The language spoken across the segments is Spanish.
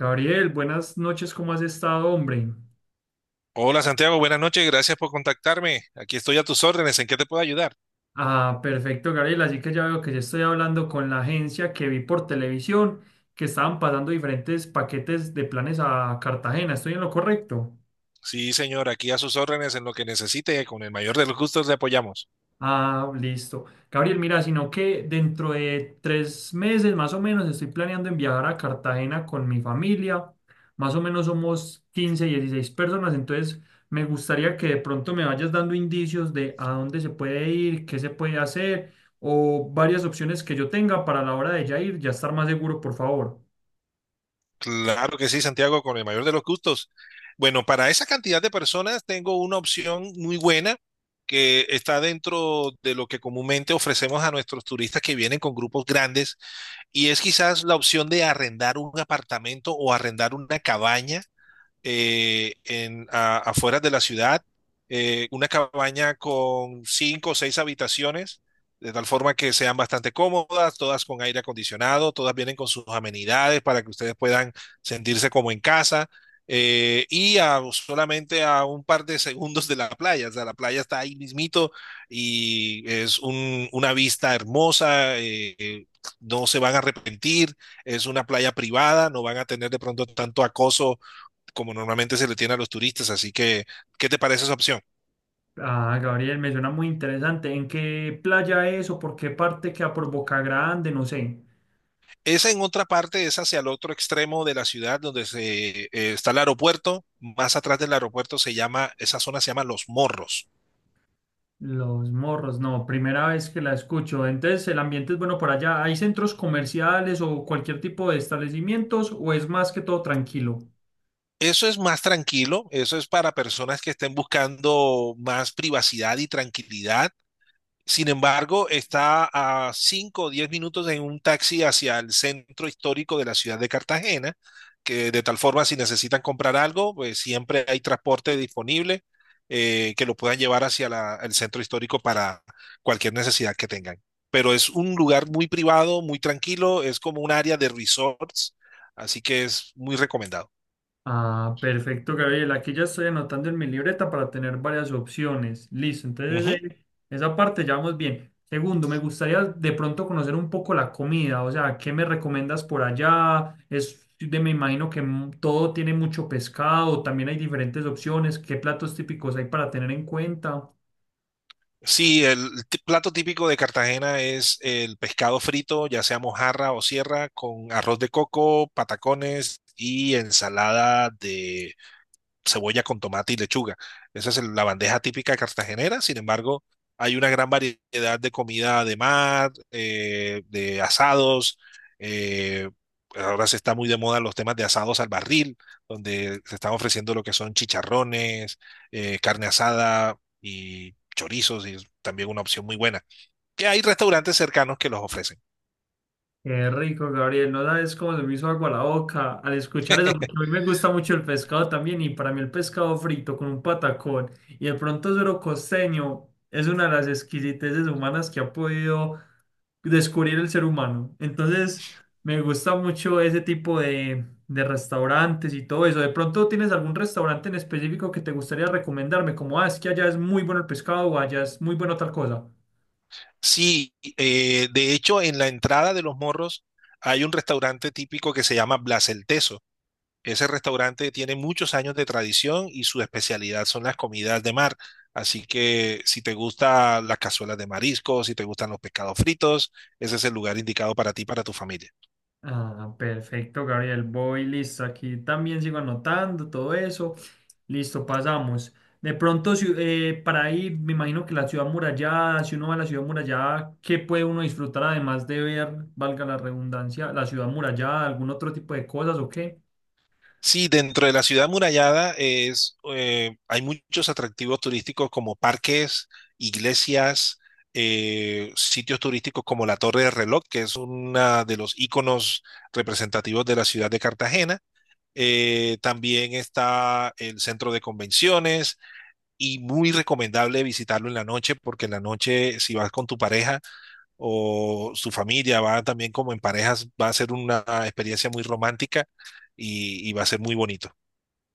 Gabriel, buenas noches, ¿cómo has estado, hombre? Hola Santiago, buenas noches, gracias por contactarme. Aquí estoy a tus órdenes, ¿en qué te puedo ayudar? Ah, perfecto, Gabriel, así que ya veo que ya estoy hablando con la agencia que vi por televisión que estaban pasando diferentes paquetes de planes a Cartagena, ¿estoy en lo correcto? Sí, señor, aquí a sus órdenes en lo que necesite, con el mayor de los gustos le apoyamos. Ah, listo. Gabriel, mira, sino que dentro de 3 meses más o menos estoy planeando en viajar a Cartagena con mi familia. Más o menos somos 15, 16 personas, entonces me gustaría que de pronto me vayas dando indicios de a dónde se puede ir, qué se puede hacer o varias opciones que yo tenga para la hora de ya ir, ya estar más seguro, por favor. Claro que sí, Santiago, con el mayor de los gustos. Bueno, para esa cantidad de personas tengo una opción muy buena que está dentro de lo que comúnmente ofrecemos a nuestros turistas que vienen con grupos grandes y es quizás la opción de arrendar un apartamento o arrendar una cabaña afuera de la ciudad, una cabaña con cinco o seis habitaciones, de tal forma que sean bastante cómodas, todas con aire acondicionado, todas vienen con sus amenidades para que ustedes puedan sentirse como en casa. Y solamente a un par de segundos de la playa, o sea, la playa está ahí mismito y es una vista hermosa. No se van a arrepentir, es una playa privada, no van a tener de pronto tanto acoso como normalmente se le tiene a los turistas. Así que, ¿qué te parece esa opción? Ah, Gabriel, me suena muy interesante. ¿En qué playa es o por qué parte queda por Boca Grande? No sé. Esa en otra parte es hacia el otro extremo de la ciudad donde está el aeropuerto. Más atrás del aeropuerto esa zona se llama Los Morros. Los Morros, no, primera vez que la escucho. Entonces, el ambiente es bueno por allá. ¿Hay centros comerciales o cualquier tipo de establecimientos o es más que todo tranquilo? Eso es más tranquilo, eso es para personas que estén buscando más privacidad y tranquilidad. Sin embargo, está a 5 o 10 minutos en un taxi hacia el centro histórico de la ciudad de Cartagena, que de tal forma si necesitan comprar algo, pues siempre hay transporte disponible, que lo puedan llevar hacia el centro histórico para cualquier necesidad que tengan. Pero es un lugar muy privado, muy tranquilo, es como un área de resorts, así que es muy recomendado. Ah, perfecto, Gabriel. Aquí ya estoy anotando en mi libreta para tener varias opciones. Listo, entonces esa parte ya vamos bien. Segundo, me gustaría de pronto conocer un poco la comida, o sea, ¿qué me recomiendas por allá? Es de, me imagino que todo tiene mucho pescado, también hay diferentes opciones. ¿Qué platos típicos hay para tener en cuenta? Sí, el plato típico de Cartagena es el pescado frito, ya sea mojarra o sierra, con arroz de coco, patacones y ensalada, cebolla con tomate y lechuga. Esa es la bandeja típica cartagenera. Sin embargo, hay una gran variedad de comida de mar, de asados. eh, Ahora se está muy de moda los temas de asados al barril, donde se están ofreciendo lo que son chicharrones, carne asada y chorizos, y es también una opción muy buena, que hay restaurantes cercanos que los ofrecen. Qué rico, Gabriel. No sabes cómo se me hizo agua la boca al escuchar eso, porque a mí me gusta mucho el pescado también. Y para mí, el pescado frito con un patacón y de pronto suero costeño es una de las exquisiteces humanas que ha podido descubrir el ser humano. Entonces, me gusta mucho ese tipo de restaurantes y todo eso. ¿De pronto tienes algún restaurante en específico que te gustaría recomendarme? Como, ah, es que allá es muy bueno el pescado o allá es muy bueno tal cosa. Sí, de hecho, en la entrada de Los Morros hay un restaurante típico que se llama Blas el Teso. Ese restaurante tiene muchos años de tradición y su especialidad son las comidas de mar. Así que si te gustan las cazuelas de mariscos, si te gustan los pescados fritos, ese es el lugar indicado para ti, y para tu familia. Ah, perfecto, Gabriel. Voy listo. Aquí también sigo anotando todo eso. Listo, pasamos. De pronto, para ir, me imagino que la ciudad murallada, si uno va a la ciudad murallada, ¿qué puede uno disfrutar además de ver, valga la redundancia, la ciudad murallada, algún otro tipo de cosas o qué? Sí, dentro de la ciudad murallada hay muchos atractivos turísticos como parques, iglesias, sitios turísticos como la Torre de Reloj, que es uno de los íconos representativos de la ciudad de Cartagena. También está el centro de convenciones y muy recomendable visitarlo en la noche, porque en la noche si vas con tu pareja o su familia, va también como en parejas, va a ser una experiencia muy romántica, y va a ser muy bonito.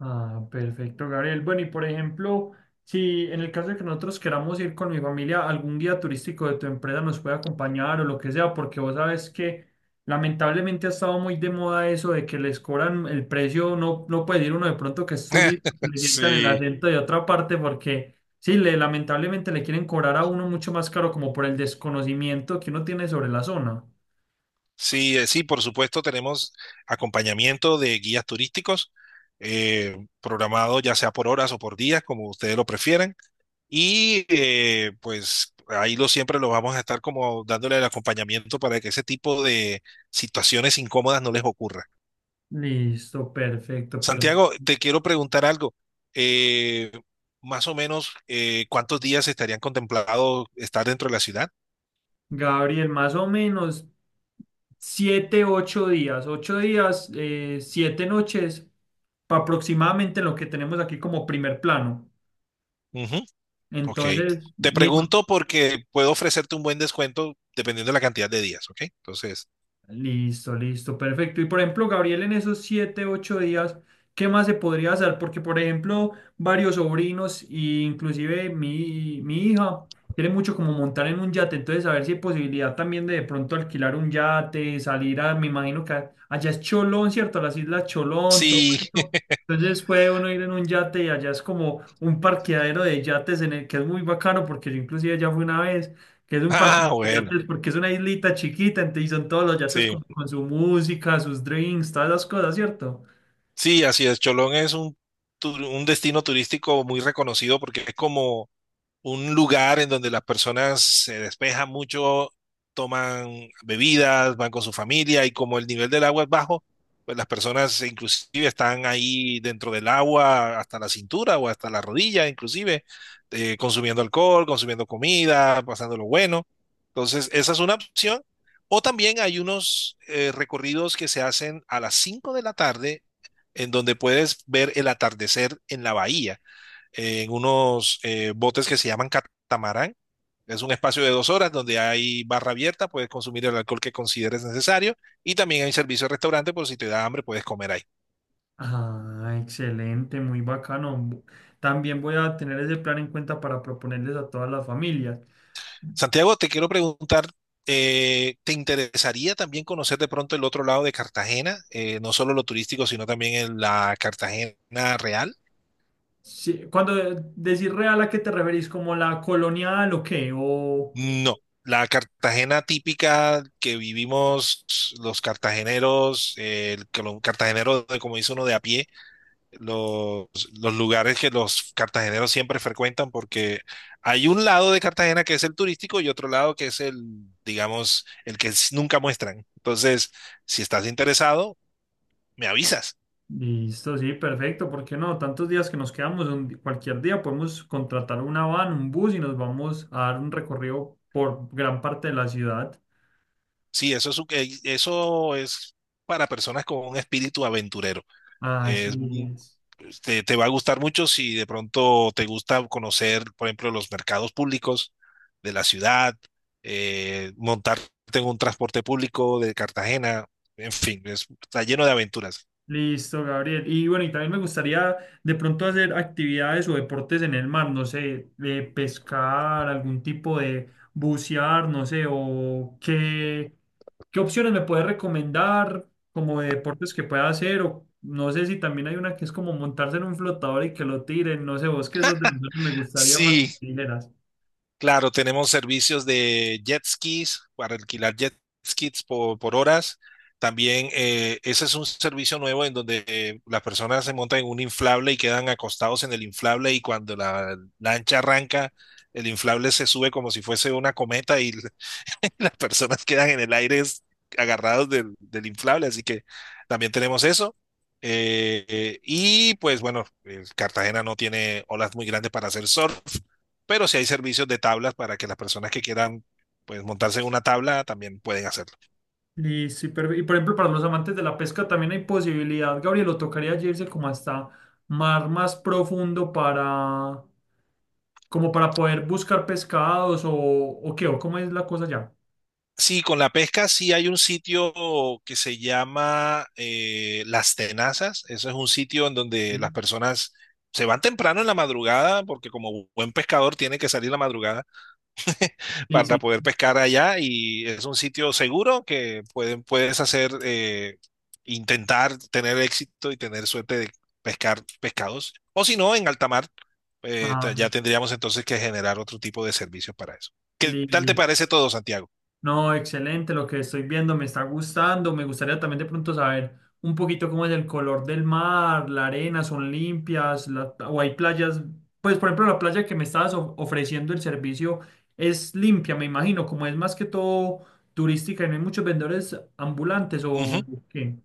Ah, perfecto, Gabriel. Bueno, y por ejemplo, si en el caso de que nosotros queramos ir con mi familia, algún guía turístico de tu empresa nos puede acompañar o lo que sea, porque vos sabes que lamentablemente ha estado muy de moda eso de que les cobran el precio, no, no puede ir uno de pronto que es turista, que le sientan el Sí, acento de otra parte, porque sí, lamentablemente le quieren cobrar a uno mucho más caro como por el desconocimiento que uno tiene sobre la zona. sí, sí, por supuesto tenemos acompañamiento de guías turísticos, programado ya sea por horas o por días, como ustedes lo prefieran. Y pues ahí lo siempre lo vamos a estar como dándole el acompañamiento para que ese tipo de situaciones incómodas no les ocurra. Listo, perfecto, Santiago, perfecto. te quiero preguntar algo. Eh, Más o menos, ¿cuántos días estarían contemplados estar dentro de la ciudad? Gabriel, más o menos 7, 8 días, 8 días, 7 noches, aproximadamente lo que tenemos aquí como primer plano. Ujú, ok. Entonces, Te me pregunto porque puedo ofrecerte un buen descuento dependiendo de la cantidad de días, ¿ok? Entonces, Listo, listo, perfecto. Y por ejemplo, Gabriel, en esos 7, 8 días, ¿qué más se podría hacer? Porque, por ejemplo, varios sobrinos, e inclusive mi hija, quiere mucho como montar en un yate, entonces a ver si hay posibilidad también de pronto alquilar un yate, salir a, me imagino que allá es Cholón, ¿cierto? Las islas Cholón, todo sí. eso. Entonces puede uno ir en un yate y allá es como un parqueadero de yates en el que es muy bacano porque yo inclusive ya fui una vez que es un parque Ah, de bueno, yates porque es una islita chiquita, entonces son todos los yates sí. como con su música, sus drinks, todas las cosas, ¿cierto? Sí, así es. Cholón es un destino turístico muy reconocido porque es como un lugar en donde las personas se despejan mucho, toman bebidas, van con su familia y como el nivel del agua es bajo, pues las personas inclusive están ahí dentro del agua hasta la cintura o hasta la rodilla, inclusive consumiendo alcohol, consumiendo comida, pasando lo bueno. Entonces, esa es una opción. O también hay unos recorridos que se hacen a las 5 de la tarde, en donde puedes ver el atardecer en la bahía, en unos botes que se llaman catamarán. Es un espacio de 2 horas donde hay barra abierta, puedes consumir el alcohol que consideres necesario, y también hay servicio de restaurante por si te da hambre, puedes comer ahí. Ah, excelente, muy bacano. También voy a tener ese plan en cuenta para proponerles a todas las familias. Santiago, te quiero preguntar, ¿te interesaría también conocer de pronto el otro lado de Cartagena? No solo lo turístico, sino también en la Cartagena real. Sí, cuando decís real, ¿a qué te referís? ¿Como la colonial o qué? O... No, la Cartagena típica que vivimos los cartageneros, el que los cartageneros, de- como dice uno de a pie, los, los lugares que los cartageneros siempre frecuentan, porque hay un lado de Cartagena que es el turístico y otro lado que es el, digamos, el que nunca muestran. Entonces, si estás interesado, me avisas. Listo, sí, perfecto, ¿por qué no? Tantos días que nos quedamos, cualquier día podemos contratar una van, un bus y nos vamos a dar un recorrido por gran parte de la ciudad. Sí, eso es para personas con un espíritu aventurero. Es Así muy- es. te va a gustar mucho si de pronto te gusta conocer, por ejemplo, los mercados públicos de la ciudad, montarte en un transporte público de Cartagena, en fin, está lleno de aventuras. Listo, Gabriel. Y bueno, y también me gustaría de pronto hacer actividades o deportes en el mar, no sé, de pescar, algún tipo de bucear, no sé, o qué, qué opciones me puedes recomendar como de deportes que pueda hacer, o no sé si también hay una que es como montarse en un flotador y que lo tiren, no sé, vos que esos de los me gustaría más que Sí, me dijeras. claro, tenemos servicios de jet skis para alquilar jet skis por, horas. También ese es un servicio nuevo en donde las personas se montan en un inflable y quedan acostados en el inflable, y cuando la lancha arranca, el inflable se sube como si fuese una cometa, y las personas quedan en el aire, agarrados del inflable. Así que también tenemos eso. Y pues bueno, Cartagena no tiene olas muy grandes para hacer surf, pero sí hay servicios de tablas para que las personas que quieran pues montarse en una tabla también pueden hacerlo. Listo, y por ejemplo, para los amantes de la pesca también hay posibilidad, Gabriel, o tocaría irse como hasta mar más profundo para, como para poder buscar pescados o qué, o cómo es la cosa ya. Sí, con la pesca sí hay un sitio que se llama Las Tenazas. Eso es un sitio en donde las Sí, personas se van temprano en la madrugada porque como buen pescador tiene que salir la madrugada sí, para sí. poder pescar allá, y es un sitio seguro que puedes hacer, intentar tener éxito y tener suerte de pescar pescados. O si no, en alta mar, Ah, ya tendríamos entonces que generar otro tipo de servicios para eso. ¿Qué tal te listo. parece todo, Santiago? No, excelente, lo que estoy viendo me está gustando. Me gustaría también de pronto saber un poquito cómo es el color del mar, la arena, son limpias, o hay playas. Pues, por ejemplo, la playa que me estabas ofreciendo el servicio es limpia, me imagino, como es más que todo turística y no hay muchos vendedores ambulantes Uh -huh. o qué.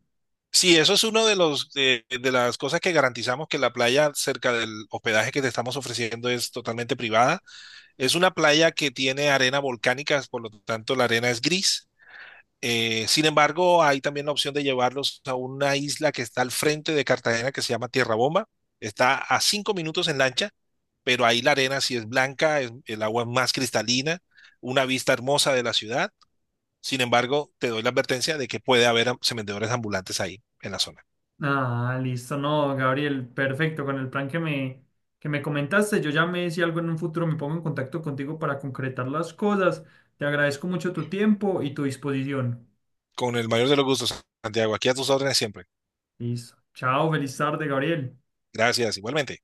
Sí, eso es uno de las cosas que garantizamos, que la playa cerca del hospedaje que te estamos ofreciendo es totalmente privada. Es una playa que tiene arena volcánica, por lo tanto la arena es gris. Sin embargo, hay también la opción de llevarlos a una isla que está al frente de Cartagena que se llama Tierra Bomba. Está a 5 minutos en lancha, pero ahí la arena sí es blanca, el agua es más cristalina, una vista hermosa de la ciudad. Sin embargo, te doy la advertencia de que puede haber vendedores ambulantes ahí en la zona. Ah, listo, no, Gabriel, perfecto. Con el plan que que me comentaste, yo ya me si algo en un futuro me pongo en contacto contigo para concretar las cosas. Te agradezco mucho tu tiempo y tu disposición. Con el mayor de los gustos, Santiago, aquí a tus órdenes siempre. Listo. Chao, feliz tarde, Gabriel. Gracias, igualmente.